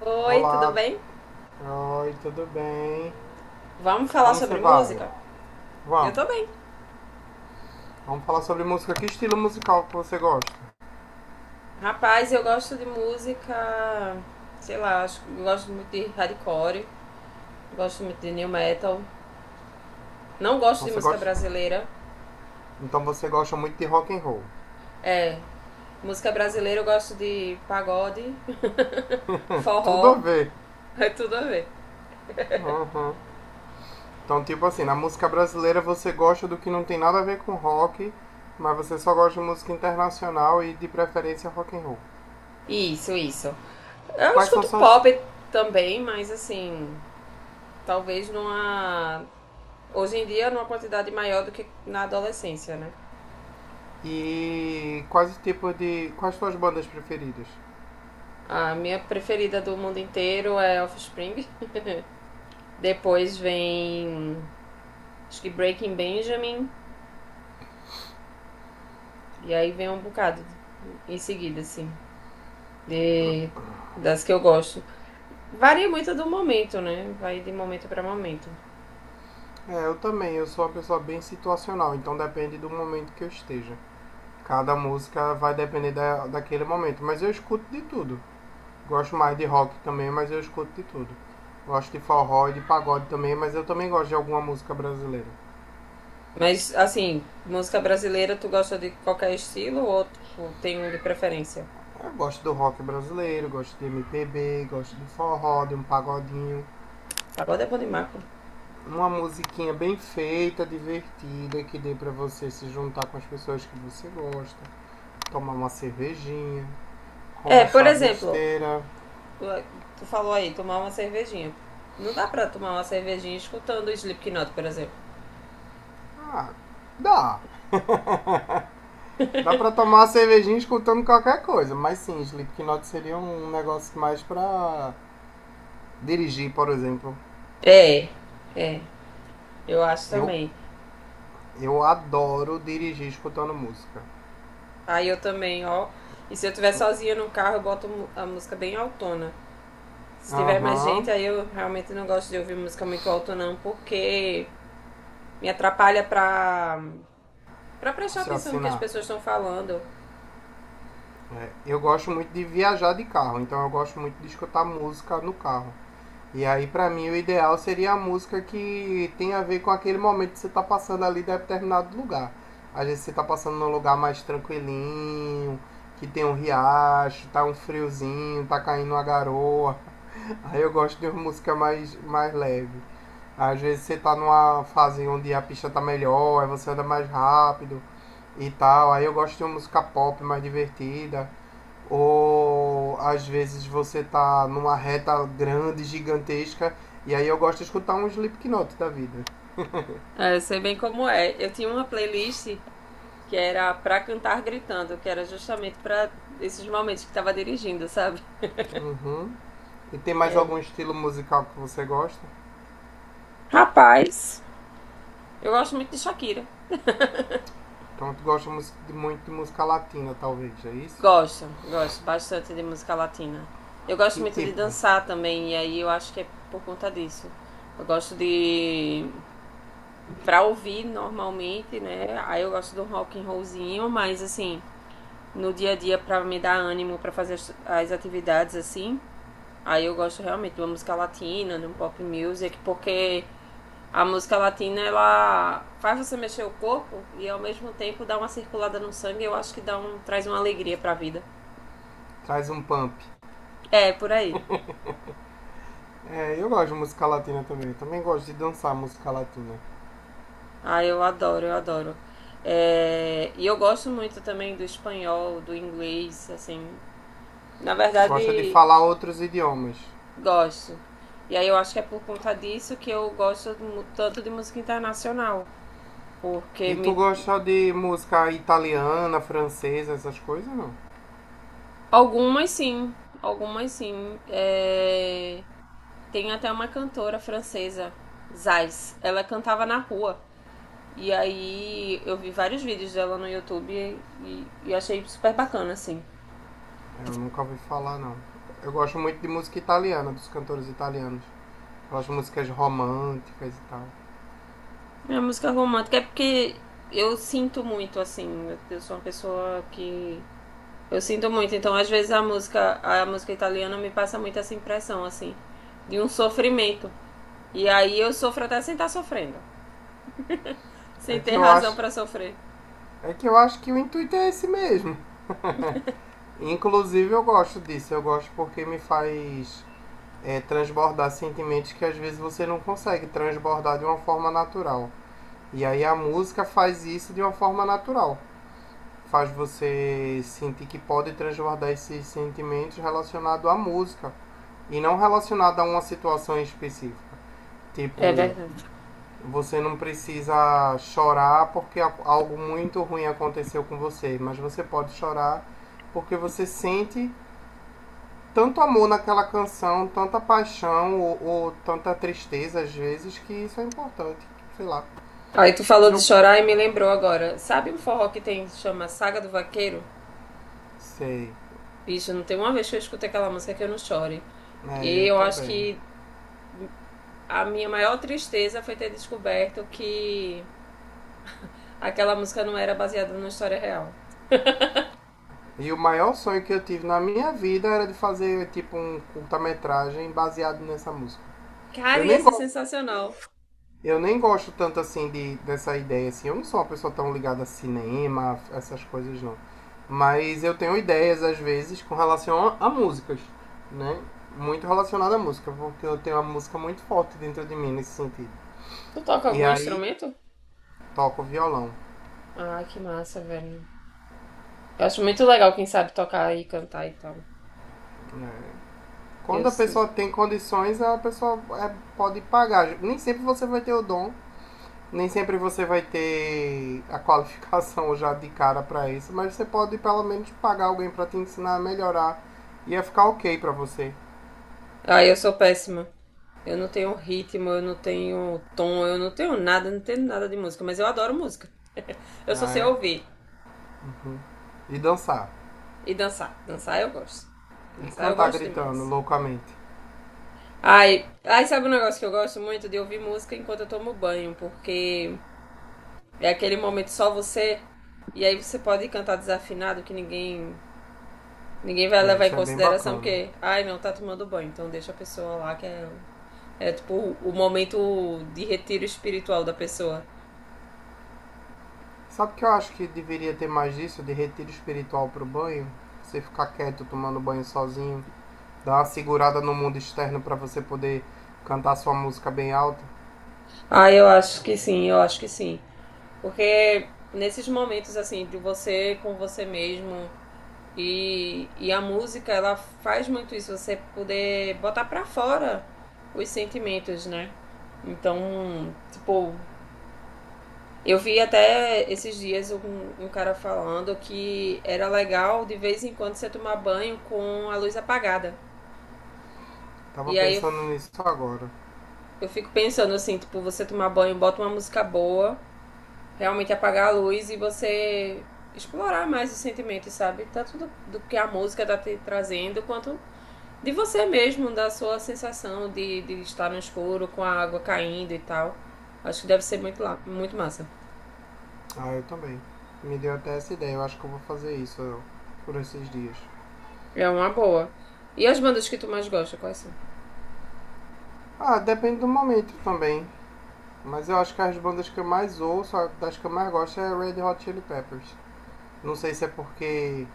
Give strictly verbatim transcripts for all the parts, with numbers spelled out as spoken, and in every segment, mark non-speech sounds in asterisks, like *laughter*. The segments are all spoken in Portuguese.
Oi, tudo Olá, bem? oi, tudo bem? Vamos falar Como você sobre vai? música? Eu Vamos, tô bem. vamos falar sobre música. Que estilo musical que você gosta? Rapaz, eu gosto de música, sei lá, acho que eu gosto muito de hardcore, gosto muito de new metal. Não gosto Então de você música gosta, brasileira. então você gosta muito de rock and roll. É, música brasileira eu gosto de pagode, *laughs* Tudo a forró, ver. é tudo a ver. Uhum. Então tipo assim, na música brasileira você gosta do que não tem nada a ver com rock, mas você só gosta de música internacional e de preferência rock and roll. Isso, isso. Eu Quais são escuto suas pop também, mas assim, talvez numa hoje em dia numa quantidade maior do que na adolescência, né? e quais tipos de quais suas bandas preferidas? A minha preferida do mundo inteiro é Offspring. Depois vem, acho que Breaking Benjamin. E aí vem um bocado em seguida, assim, de, das que eu gosto. Varia muito do momento, né? Vai de momento para momento. É, eu também, eu sou uma pessoa bem situacional, então depende do momento que eu esteja. Cada música vai depender da, daquele momento. Mas eu escuto de tudo. Gosto mais de rock também, mas eu escuto de tudo. Gosto de forró e de pagode também, mas eu também gosto de alguma música brasileira. Mas, assim, música brasileira, tu gosta de qualquer estilo ou tipo, tem um de preferência? Eu gosto do rock brasileiro, gosto de M P B, gosto de forró, de um pagodinho. Agora é bom de marco. Uma musiquinha bem feita, divertida, que dê pra você se juntar com as pessoas que você gosta, tomar uma cervejinha, É, por conversar exemplo, besteira. tu falou aí, tomar uma cervejinha. Não dá pra tomar uma cervejinha escutando Slipknot, por exemplo. Ah, dá. Dá pra tomar uma cervejinha escutando qualquer coisa, mas sim, Slipknot seria um negócio mais pra dirigir, por exemplo. É, é, eu acho Eu, também. eu adoro dirigir escutando música. Aí eu também, ó. E se eu estiver sozinha no carro, eu boto mu- a música bem autona. Se tiver mais Aham, gente, uhum. aí eu realmente não gosto de ouvir música muito alta, não, porque me atrapalha pra, pra prestar atenção no que as Raciocinar. pessoas estão falando. É, eu gosto muito de viajar de carro, então eu gosto muito de escutar música no carro. E aí, pra mim, o ideal seria a música que tem a ver com aquele momento que você tá passando ali de determinado lugar. Às vezes você tá passando num lugar mais tranquilinho, que tem um riacho, tá um friozinho, tá caindo uma garoa. *laughs* Aí eu gosto de uma música mais, mais leve. Às vezes você tá numa fase onde a pista tá melhor, aí você anda mais rápido e tal. Aí eu gosto de uma música pop mais divertida. Ou às vezes você tá numa reta grande, gigantesca, e aí eu gosto de escutar um Slipknot da vida. É, eu sei bem como é. Eu tinha uma playlist que era pra cantar gritando, que era justamente pra esses momentos que tava dirigindo, sabe? Uhum. E tem mais algum É, estilo musical que você gosta? rapaz, eu gosto muito de Shakira. Então tu gosta mus- de muito de música latina, talvez, é isso? Gosto, gosto bastante de música latina. Eu gosto Que muito de tipo? dançar também, e aí eu acho que é por conta disso. Eu gosto de pra ouvir normalmente, né? Aí eu gosto do rock and rollzinho, mas assim, no dia a dia pra me dar ânimo pra fazer as, as atividades assim, aí eu gosto realmente de uma música latina, de um pop music, porque a música latina ela faz você mexer o corpo e ao mesmo tempo dá uma circulada no sangue, eu acho que dá um traz uma alegria pra vida. Traz um pump. É, por aí. É, eu gosto de música latina também. Também gosto de dançar música latina. Ah, eu adoro, eu adoro. É, e eu gosto muito também do espanhol, do inglês, assim. Na Tu gosta de verdade, falar outros idiomas. gosto. E aí eu acho que é por conta disso que eu gosto mu- tanto de música internacional. Porque E tu me... gosta de música italiana, francesa, essas coisas, não? algumas sim, algumas sim. É, tem até uma cantora francesa, Zais. Ela cantava na rua. E aí eu vi vários vídeos dela no YouTube e, e achei super bacana, assim. Eu nunca ouvi falar, não. Eu gosto muito de música italiana, dos cantores italianos. Eu gosto de músicas românticas e tal. Minha música romântica é porque eu sinto muito, assim. Eu- Eu sou uma pessoa que. Eu sinto muito. Então, às vezes, a música, a música italiana me passa muito essa impressão, assim, de um sofrimento. E aí eu sofro até sem estar sofrendo. Sem É que ter eu razão acho, pra sofrer. é que eu acho que o intuito é esse mesmo. Inclusive eu gosto disso, eu gosto porque me faz é, transbordar sentimentos que às vezes você não consegue transbordar de uma forma natural. E aí a música faz isso de uma forma natural. Faz você sentir que pode transbordar esses sentimentos relacionados à música e não relacionado a uma situação específica. É Tipo, verdade. você não precisa chorar porque algo muito ruim aconteceu com você, mas você pode chorar porque você sente tanto amor naquela canção, tanta paixão ou, ou tanta tristeza às vezes que isso é importante, sei lá. Aí tu E falou de eu chorar e me lembrou agora. Sabe um forró que tem, chama Saga do Vaqueiro? sei, Bicho, não tem uma vez que eu escutei aquela música que eu não chore. é, E eu eu acho também. que a minha maior tristeza foi ter descoberto que aquela música não era baseada numa história real. E o maior sonho que eu tive na minha vida era de fazer tipo um curta-metragem baseado nessa música. Cara, Eu ia nem ser gosto sensacional. Eu nem gosto tanto assim de, dessa ideia, assim. Eu não sou uma pessoa tão ligada a cinema, essas coisas não. Mas eu tenho ideias, às vezes, com relação a, a músicas, né? Muito relacionada à música, porque eu tenho uma música muito forte dentro de mim nesse sentido. Tu toca E algum aí instrumento? toco violão. Ah, que massa, velho. Eu acho muito legal quem sabe tocar e cantar e tal. Né? Eu... Quando a s- pessoa tem condições, a pessoa é, pode pagar. Nem sempre você vai ter o dom Nem sempre você vai ter a qualificação já de cara para isso, mas você pode pelo menos pagar alguém para te ensinar a melhorar. E ia ficar ok para você, Ah, eu sou péssima. Eu não tenho ritmo, eu não tenho tom, eu não tenho nada, eu não tenho nada de música, mas eu adoro música. Eu só sei né? ouvir E dançar. e dançar. Dançar eu gosto. E Dançar eu cantar gosto gritando demais. loucamente. Ai, ai, sabe um negócio que eu gosto muito de ouvir música enquanto eu tomo banho, porque é aquele momento só você. E aí você pode cantar desafinado que ninguém ninguém vai É, levar em isso é bem consideração bacana. porque, ai, não tá tomando banho, então deixa a pessoa lá que é é tipo o momento de retiro espiritual da pessoa. Sabe que eu acho que deveria ter mais disso de retiro espiritual pro banho? Você ficar quieto tomando banho sozinho, dar uma segurada no mundo externo para você poder cantar sua música bem alta. Ah, eu acho que sim, eu acho que sim. Porque nesses momentos assim de você com você mesmo e, e a música, ela faz muito isso, você poder botar pra fora os sentimentos, né? Então, tipo, eu vi até esses dias um, um cara falando que era legal de vez em quando você tomar banho com a luz apagada. Tava E aí eu, pensando nisso agora. eu fico pensando assim, tipo, você tomar banho, bota uma música boa, realmente apagar a luz e você explorar mais os sentimentos, sabe? Tanto do, do que a música tá te trazendo, quanto de você mesmo, da sua sensação de, de estar no escuro com a água caindo e tal. Acho que deve ser muito, muito massa. Ah, eu também. Me deu até essa ideia. Eu acho que eu vou fazer isso ó, por esses dias. É uma boa. E as bandas que tu mais gosta, quais são? Ah, depende do momento também. Mas eu acho que as bandas que eu mais ouço, a- das que eu mais gosto, é Red Hot Chili Peppers. Não sei se é porque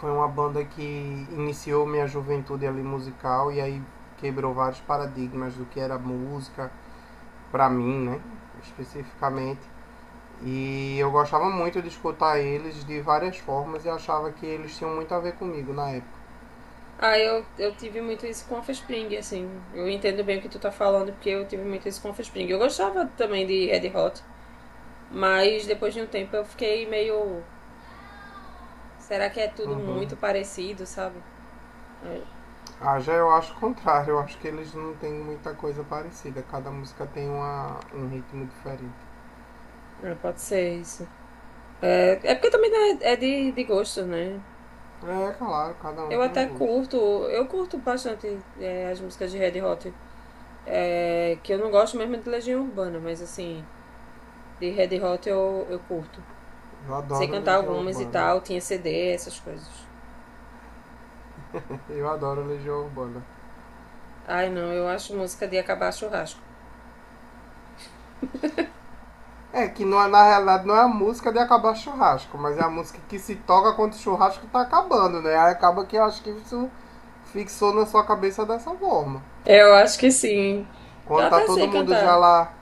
foi uma banda que iniciou minha juventude ali musical e aí quebrou vários paradigmas do que era música, pra mim, né? Especificamente. E eu gostava muito de escutar eles de várias formas e achava que eles tinham muito a ver comigo na época. Ah, eu, eu tive muito isso com a Offspring, assim. Eu entendo bem o que tu tá falando, porque eu tive muito isso com a Offspring. Eu gostava também de Red Hot, mas depois de um tempo eu fiquei meio. Será que é tudo Uhum. muito parecido, sabe? É, Ah, já eu acho o contrário. Eu acho que eles não têm muita coisa parecida. Cada música tem uma, um ritmo diferente. é, pode ser isso. É, é porque também né, é de, de gosto, né? É, claro, cada um Eu tem um até gosto. curto, eu curto bastante é, as músicas de Red Hot. É, que eu não gosto mesmo de Legião Urbana, mas assim, de Red Hot eu, eu curto. Eu Sei adoro cantar Legião algumas e Urbana. tal, tinha C D, essas coisas. *laughs* Eu adoro Legião Urbana. Ai, não, eu acho música de acabar churrasco. É, que não é, na realidade não é a música de acabar churrasco, mas é a música que se toca quando o churrasco tá acabando, né? Aí acaba que eu acho que isso fixou na sua cabeça dessa forma. Eu acho que sim. Eu Quando tá até todo sei mundo já cantar. lá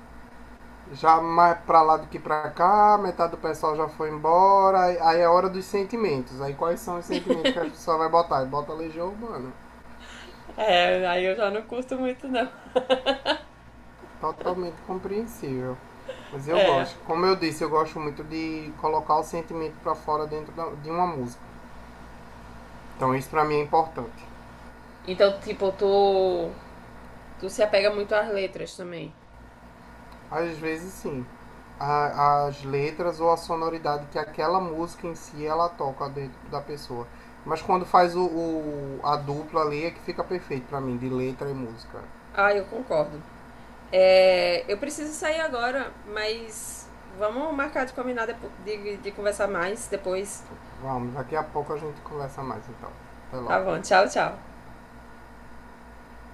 já mais pra lá do que pra cá, metade do pessoal já foi embora, aí- é hora dos sentimentos. Aí quais são os sentimentos que a pessoa vai botar? Bota Legião Urbana. É, aí eu já não curto muito, não. Totalmente compreensível. Mas eu É. gosto. Como eu disse, eu gosto muito de colocar o sentimento pra fora dentro de uma música. Então isso pra mim é importante. Então, tipo, tu, tu se apega muito às letras também. Às vezes sim. A- as letras ou a sonoridade que aquela música em si ela toca dentro da pessoa. Mas quando faz o, o- a dupla ali é que fica perfeito pra mim, de letra e música. Ah, eu concordo. É, eu preciso sair agora, mas vamos marcar de combinar depo- de, de conversar mais depois. Vamos, daqui a pouco a gente conversa mais então. Até Tá logo. bom, tchau, tchau.